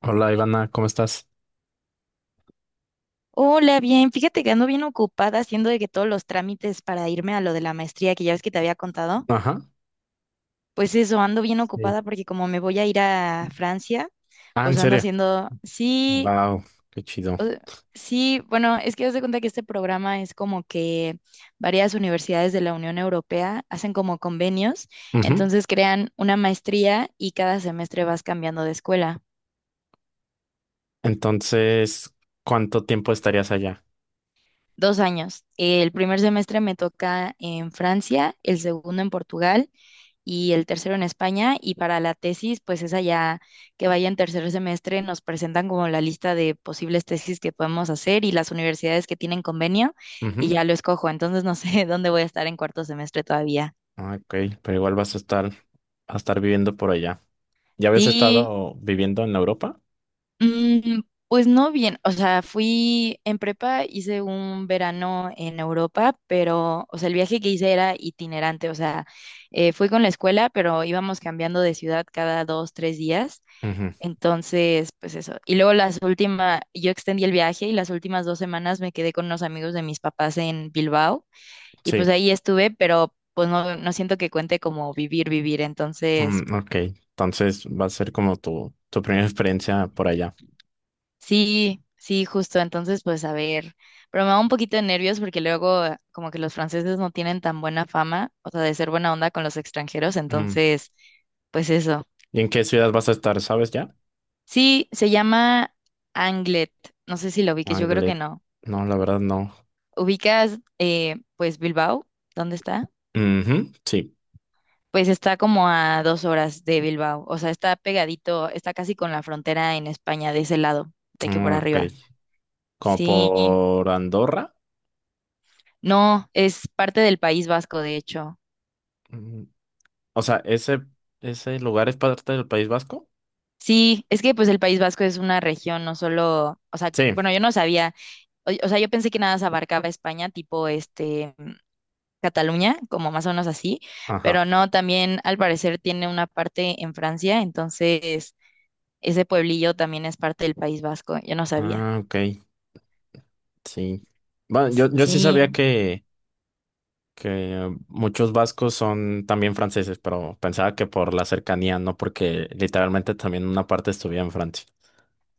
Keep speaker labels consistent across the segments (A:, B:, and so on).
A: Hola Ivana, ¿cómo estás?
B: Hola, bien, fíjate que ando bien ocupada haciendo de que todos los trámites para irme a lo de la maestría que ya ves que te había contado,
A: Ajá.
B: pues eso, ando bien
A: Sí.
B: ocupada porque como me voy a ir a Francia,
A: Ah, ¿en
B: pues ando
A: serio?
B: haciendo, sí,
A: Wow, qué chido.
B: o- sí, bueno, es que haz de cuenta que este programa es como que varias universidades de la Unión Europea hacen como convenios,
A: Ujú.
B: entonces crean una maestría y cada semestre vas cambiando de escuela.
A: Entonces, ¿cuánto tiempo estarías allá?
B: 2 años. El primer semestre me toca en Francia, el segundo en Portugal y el tercero en España. Y para la tesis, pues esa ya que vaya en tercer semestre, nos presentan como la lista de posibles tesis que podemos hacer y las universidades que tienen convenio y
A: Ujú.
B: ya lo escojo. Entonces no sé dónde voy a estar en cuarto semestre todavía.
A: Ah, ok, pero igual vas a estar viviendo por allá. ¿Ya habías
B: Sí,
A: estado viviendo en Europa?
B: mm, pues no bien, o sea, fui en prepa, hice un verano en Europa, pero, o sea, el viaje que hice era itinerante, o sea, fui con la escuela, pero íbamos cambiando de ciudad cada 2, 3 días.
A: Ujú.
B: Entonces, pues eso. Y luego las últimas, yo extendí el viaje y las últimas 2 semanas me quedé con unos amigos de mis papás en Bilbao y pues
A: Sí.
B: ahí estuve, pero pues no, no siento que cuente como vivir, vivir. Entonces,
A: Mm, ok, entonces va a ser como tu primera experiencia por allá.
B: sí, sí, justo. Entonces, pues a ver, pero me da un poquito de nervios porque luego como que los franceses no tienen tan buena fama, o sea, de ser buena onda con los extranjeros.
A: Mm.
B: Entonces, pues eso.
A: ¿Y en qué ciudad vas a estar? ¿Sabes ya?
B: Sí, se llama Anglet. No sé si lo vi, que yo creo que
A: Ángeles.
B: no.
A: No, la verdad no.
B: ¿Ubicas, pues Bilbao, dónde está?
A: Ujú, sí.
B: Pues está como a 2 horas de Bilbao, o sea, está pegadito, está casi con la frontera en España de ese lado, de que por
A: Mm, ok.
B: arriba.
A: ¿Como
B: Sí,
A: por Andorra?
B: no, es parte del País Vasco, de hecho.
A: O sea, ¿ese lugar es parte del País Vasco?
B: Sí, es que pues el País Vasco es una región, no solo, o sea,
A: Sí.
B: bueno, yo no sabía, o sea, yo pensé que nada se abarcaba España, tipo este, Cataluña, como más o menos así, pero
A: Ajá.
B: no, también al parecer tiene una parte en Francia, entonces ese pueblillo también es parte del País Vasco, yo no sabía.
A: Ah, ok. Sí. Bueno, yo sí sabía
B: Sí.
A: que muchos vascos son también franceses, pero pensaba que por la cercanía, no porque literalmente también una parte estuviera en Francia.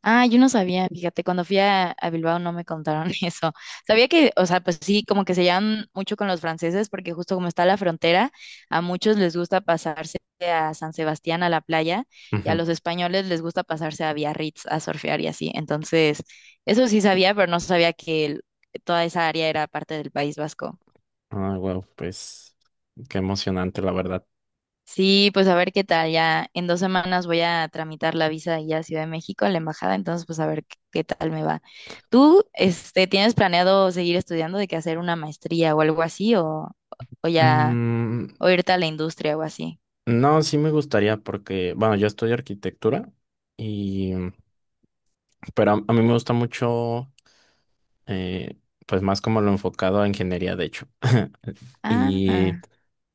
B: Ah, yo no sabía, fíjate, cuando fui a Bilbao no me contaron eso. Sabía que, o sea, pues sí, como que se llevan mucho con los franceses porque justo como está la frontera, a muchos les gusta pasarse a San Sebastián, a la playa, y a
A: Ujú.
B: los españoles les gusta pasarse a Biarritz a surfear y así. Entonces, eso sí sabía, pero no sabía que toda esa área era parte del País Vasco.
A: Ah, wow, pues qué emocionante, la verdad.
B: Sí, pues a ver qué tal. Ya en 2 semanas voy a tramitar la visa allá a Ciudad de México, a la embajada, entonces pues a ver qué, qué tal me va. ¿Tú, este, tienes planeado seguir estudiando de que hacer una maestría o algo así, o, ya
A: Mm,
B: o irte a la industria o así?
A: no, sí me gustaría porque, bueno, yo estudio arquitectura y, pero a mí me gusta mucho, eh, pues más como lo enfocado a ingeniería, de hecho. Y
B: Ah.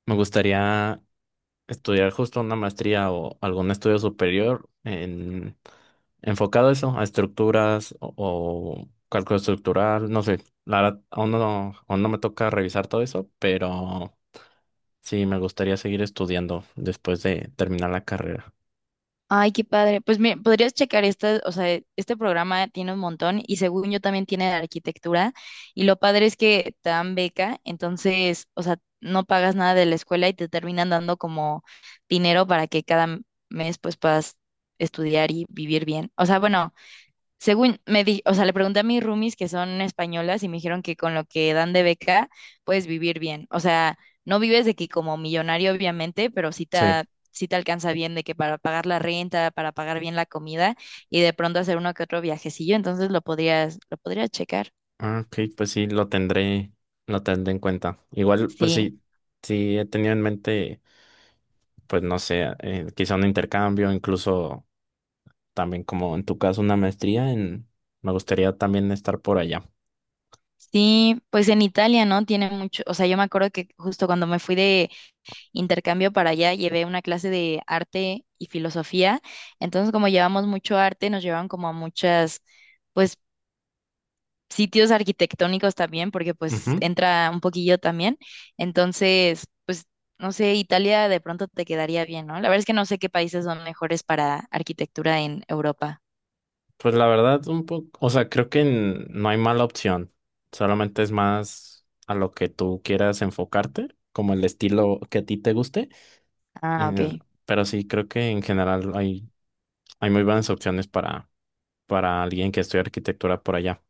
A: me gustaría estudiar justo una maestría o algún estudio superior en, enfocado a eso, a estructuras o cálculo estructural, no sé, la verdad, aún no me toca revisar todo eso, pero sí me gustaría seguir estudiando después de terminar la carrera.
B: Ay, qué padre. Pues mira, podrías checar esta, o sea, este programa tiene un montón y según yo también tiene de arquitectura y lo padre es que te dan beca, entonces, o sea, no pagas nada de la escuela y te terminan dando como dinero para que cada mes pues puedas estudiar y vivir bien. O sea, bueno, según me di, o sea, le pregunté a mis roomies que son españolas y me dijeron que con lo que dan de beca puedes vivir bien. O sea, no vives de que como millonario, obviamente, pero sí te,
A: Sí.
B: sí te alcanza bien de que para pagar la renta, para pagar bien la comida y de pronto hacer uno que otro viajecillo, entonces lo podrías checar.
A: Ah, ok, pues sí, lo tendré en cuenta. Igual, pues
B: Sí.
A: sí, sí he tenido en mente, pues no sé, quizá un intercambio, incluso también como en tu caso una maestría en, me gustaría también estar por allá.
B: Sí, pues en Italia, ¿no? Tiene mucho, o sea, yo me acuerdo que justo cuando me fui de intercambio para allá, llevé una clase de arte y filosofía. Entonces, como llevamos mucho arte, nos llevaban como a muchas, pues, sitios arquitectónicos también, porque pues
A: Ujú.
B: entra un poquillo también. Entonces, pues, no sé, Italia de pronto te quedaría bien, ¿no? La verdad es que no sé qué países son mejores para arquitectura en Europa.
A: Pues la verdad, un poco, o sea, creo que no hay mala opción, solamente es más a lo que tú quieras enfocarte, como el estilo que a ti te guste,
B: Ah, ok.
A: eh, pero sí, creo que en general hay, hay muy buenas opciones para alguien que estudia arquitectura por allá.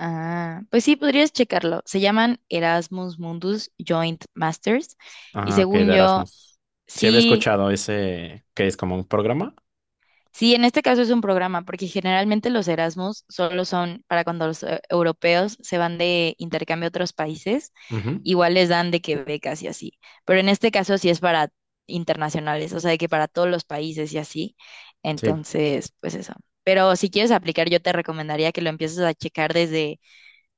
B: Ah, pues sí, podrías checarlo. Se llaman Erasmus Mundus Joint Masters y
A: Ah, ok, de
B: según yo,
A: Erasmus. Sí había
B: sí.
A: escuchado ese, que es como un programa.
B: Sí, en este caso es un programa, porque generalmente los Erasmus solo son para cuando los europeos se van de intercambio a otros países,
A: Ujú,
B: igual les dan de que becas y así. Pero en este caso sí es para internacionales, o sea, de que para todos los países y así.
A: sí.
B: Entonces, pues eso. Pero si quieres aplicar, yo te recomendaría que lo empieces a checar desde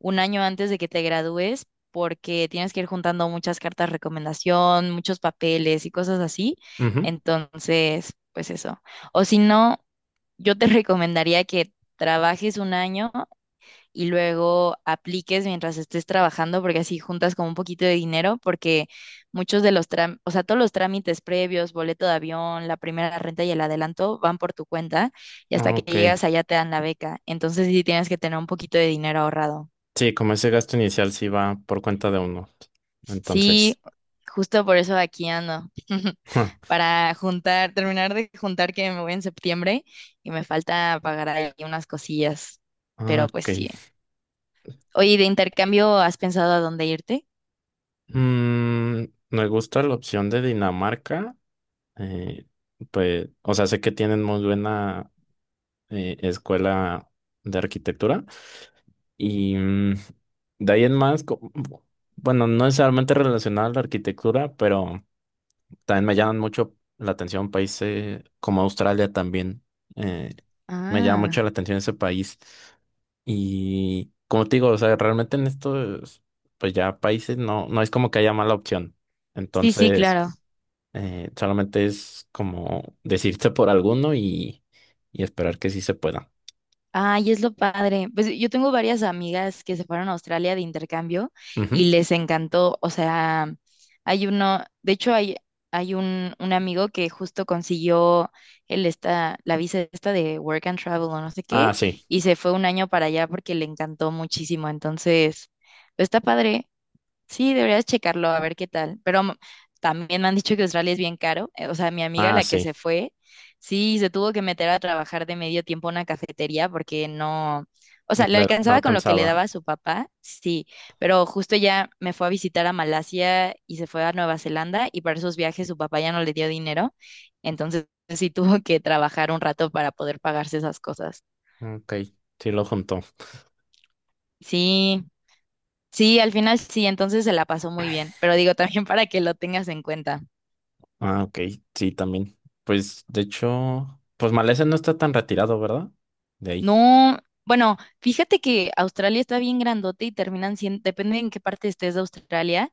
B: un año antes de que te gradúes, porque tienes que ir juntando muchas cartas de recomendación, muchos papeles y cosas así.
A: Ujú,
B: Entonces, pues eso. O si no, yo te recomendaría que trabajes un año y luego apliques mientras estés trabajando, porque así juntas como un poquito de dinero, porque muchos de los trámites, o sea, todos los trámites previos, boleto de avión, la primera renta y el adelanto van por tu cuenta y hasta
A: ah,
B: que
A: ok.
B: llegas allá te dan la beca. Entonces sí tienes que tener un poquito de dinero ahorrado.
A: Sí, como ese gasto inicial sí va por cuenta de uno, entonces,
B: Sí, justo por eso aquí ando,
A: ah,
B: para juntar, terminar de juntar que me voy en septiembre y me falta pagar ahí unas cosillas, pero pues
A: ok.
B: sí. Oye, ¿y de intercambio has pensado a dónde irte?
A: Mm, me gusta la opción de Dinamarca. eh, pues, o sea, sé que tienen muy buena escuela de arquitectura. Y mm, de ahí en más, bueno, no necesariamente relacionada a la arquitectura, pero también me llaman mucho la atención países como Australia también. eh, Me llama mucho
B: Ah,
A: la atención ese país. Y como te digo, o sea, realmente en estos, pues ya países no, no es como que haya mala opción.
B: sí, sí,
A: Entonces,
B: claro.
A: solamente es como decirte por alguno y esperar que sí se pueda.
B: Ay, es lo padre. Pues yo tengo varias amigas que se fueron a Australia de intercambio
A: Ujú.
B: y les encantó. O sea, hay uno, de hecho hay un amigo que justo consiguió la visa esta de Work and Travel o no sé
A: Ah,
B: qué,
A: sí,
B: y se fue un año para allá porque le encantó muchísimo. Entonces, pues, está padre. Sí, deberías checarlo a ver qué tal. Pero también me han dicho que Australia es bien caro. O sea, mi amiga,
A: ah,
B: la que
A: sí.
B: se fue, sí, se tuvo que meter a trabajar de medio tiempo a una cafetería porque no, o
A: No,
B: sea, le
A: no
B: alcanzaba con lo que le daba
A: alcanzaba.
B: a su papá, sí, pero justo ya me fue a visitar a Malasia y se fue a Nueva Zelanda y para esos viajes su papá ya no le dio dinero. Entonces sí tuvo que trabajar un rato para poder pagarse esas cosas.
A: Ok, sí lo juntó.
B: Sí, sí, al final sí, entonces se la pasó muy bien. Pero digo, también para que lo tengas en cuenta.
A: Ah, ok, sí, también. Pues de hecho, pues Malese no está tan retirado, ¿verdad? De ahí.
B: No, bueno, fíjate que Australia está bien grandote y terminan siendo, depende en qué parte estés de Australia,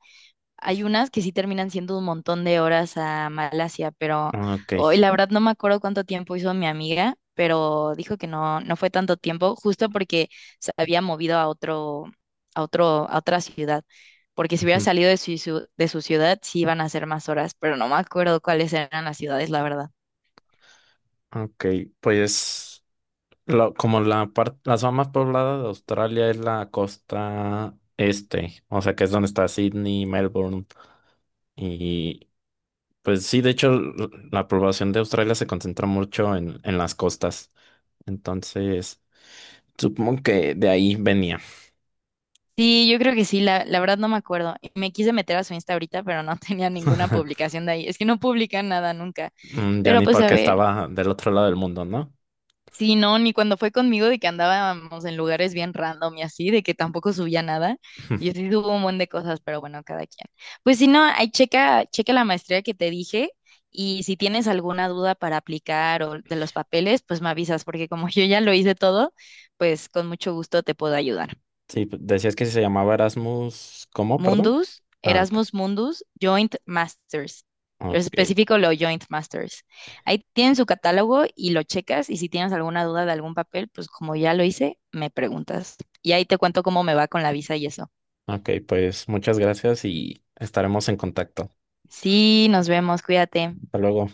B: hay unas que sí terminan siendo un montón de horas a Malasia, pero
A: Ah, ok,
B: hoy la verdad no me acuerdo cuánto tiempo hizo mi amiga, pero dijo que no, no fue tanto tiempo, justo porque se había movido a otro, a otra ciudad, porque si hubiera
A: ujú,
B: salido de su, de su ciudad sí iban a ser más horas, pero no me acuerdo cuáles eran las ciudades, la verdad.
A: ok, pues como la parte, la zona más poblada de Australia es la costa este, o sea que es donde está Sydney, Melbourne, y pues sí, de hecho la población de Australia se concentra mucho en las costas, entonces supongo que de ahí venía,
B: Sí, yo creo que sí, la verdad no me acuerdo. Me quise meter a su Insta ahorita, pero no tenía ninguna publicación de ahí. Es que no publican nada nunca.
A: Mm, ya
B: Pero
A: ni
B: pues a
A: porque
B: ver,
A: estaba del otro lado del mundo, ¿no?
B: sí, no, ni cuando fue conmigo de que andábamos en lugares bien random y así, de que tampoco subía nada. Y así tuvo un montón de cosas, pero bueno, cada quien. Pues si no, ahí checa, checa la maestría que te dije y si tienes alguna duda para aplicar o de los papeles, pues me avisas, porque como yo ya lo hice todo, pues con mucho gusto te puedo ayudar.
A: Sí, decías que se llamaba Erasmus, ¿cómo? Perdón.
B: Mundus,
A: Ah, ok.
B: Erasmus Mundus, Joint Masters. Pero
A: Ok,
B: específico lo Joint Masters. Ahí tienen su catálogo y lo checas y si tienes alguna duda de algún papel, pues como ya lo hice, me preguntas. Y ahí te cuento cómo me va con la visa y eso.
A: ok, pues muchas gracias y estaremos en contacto.
B: Sí, nos vemos, cuídate.
A: Hasta luego.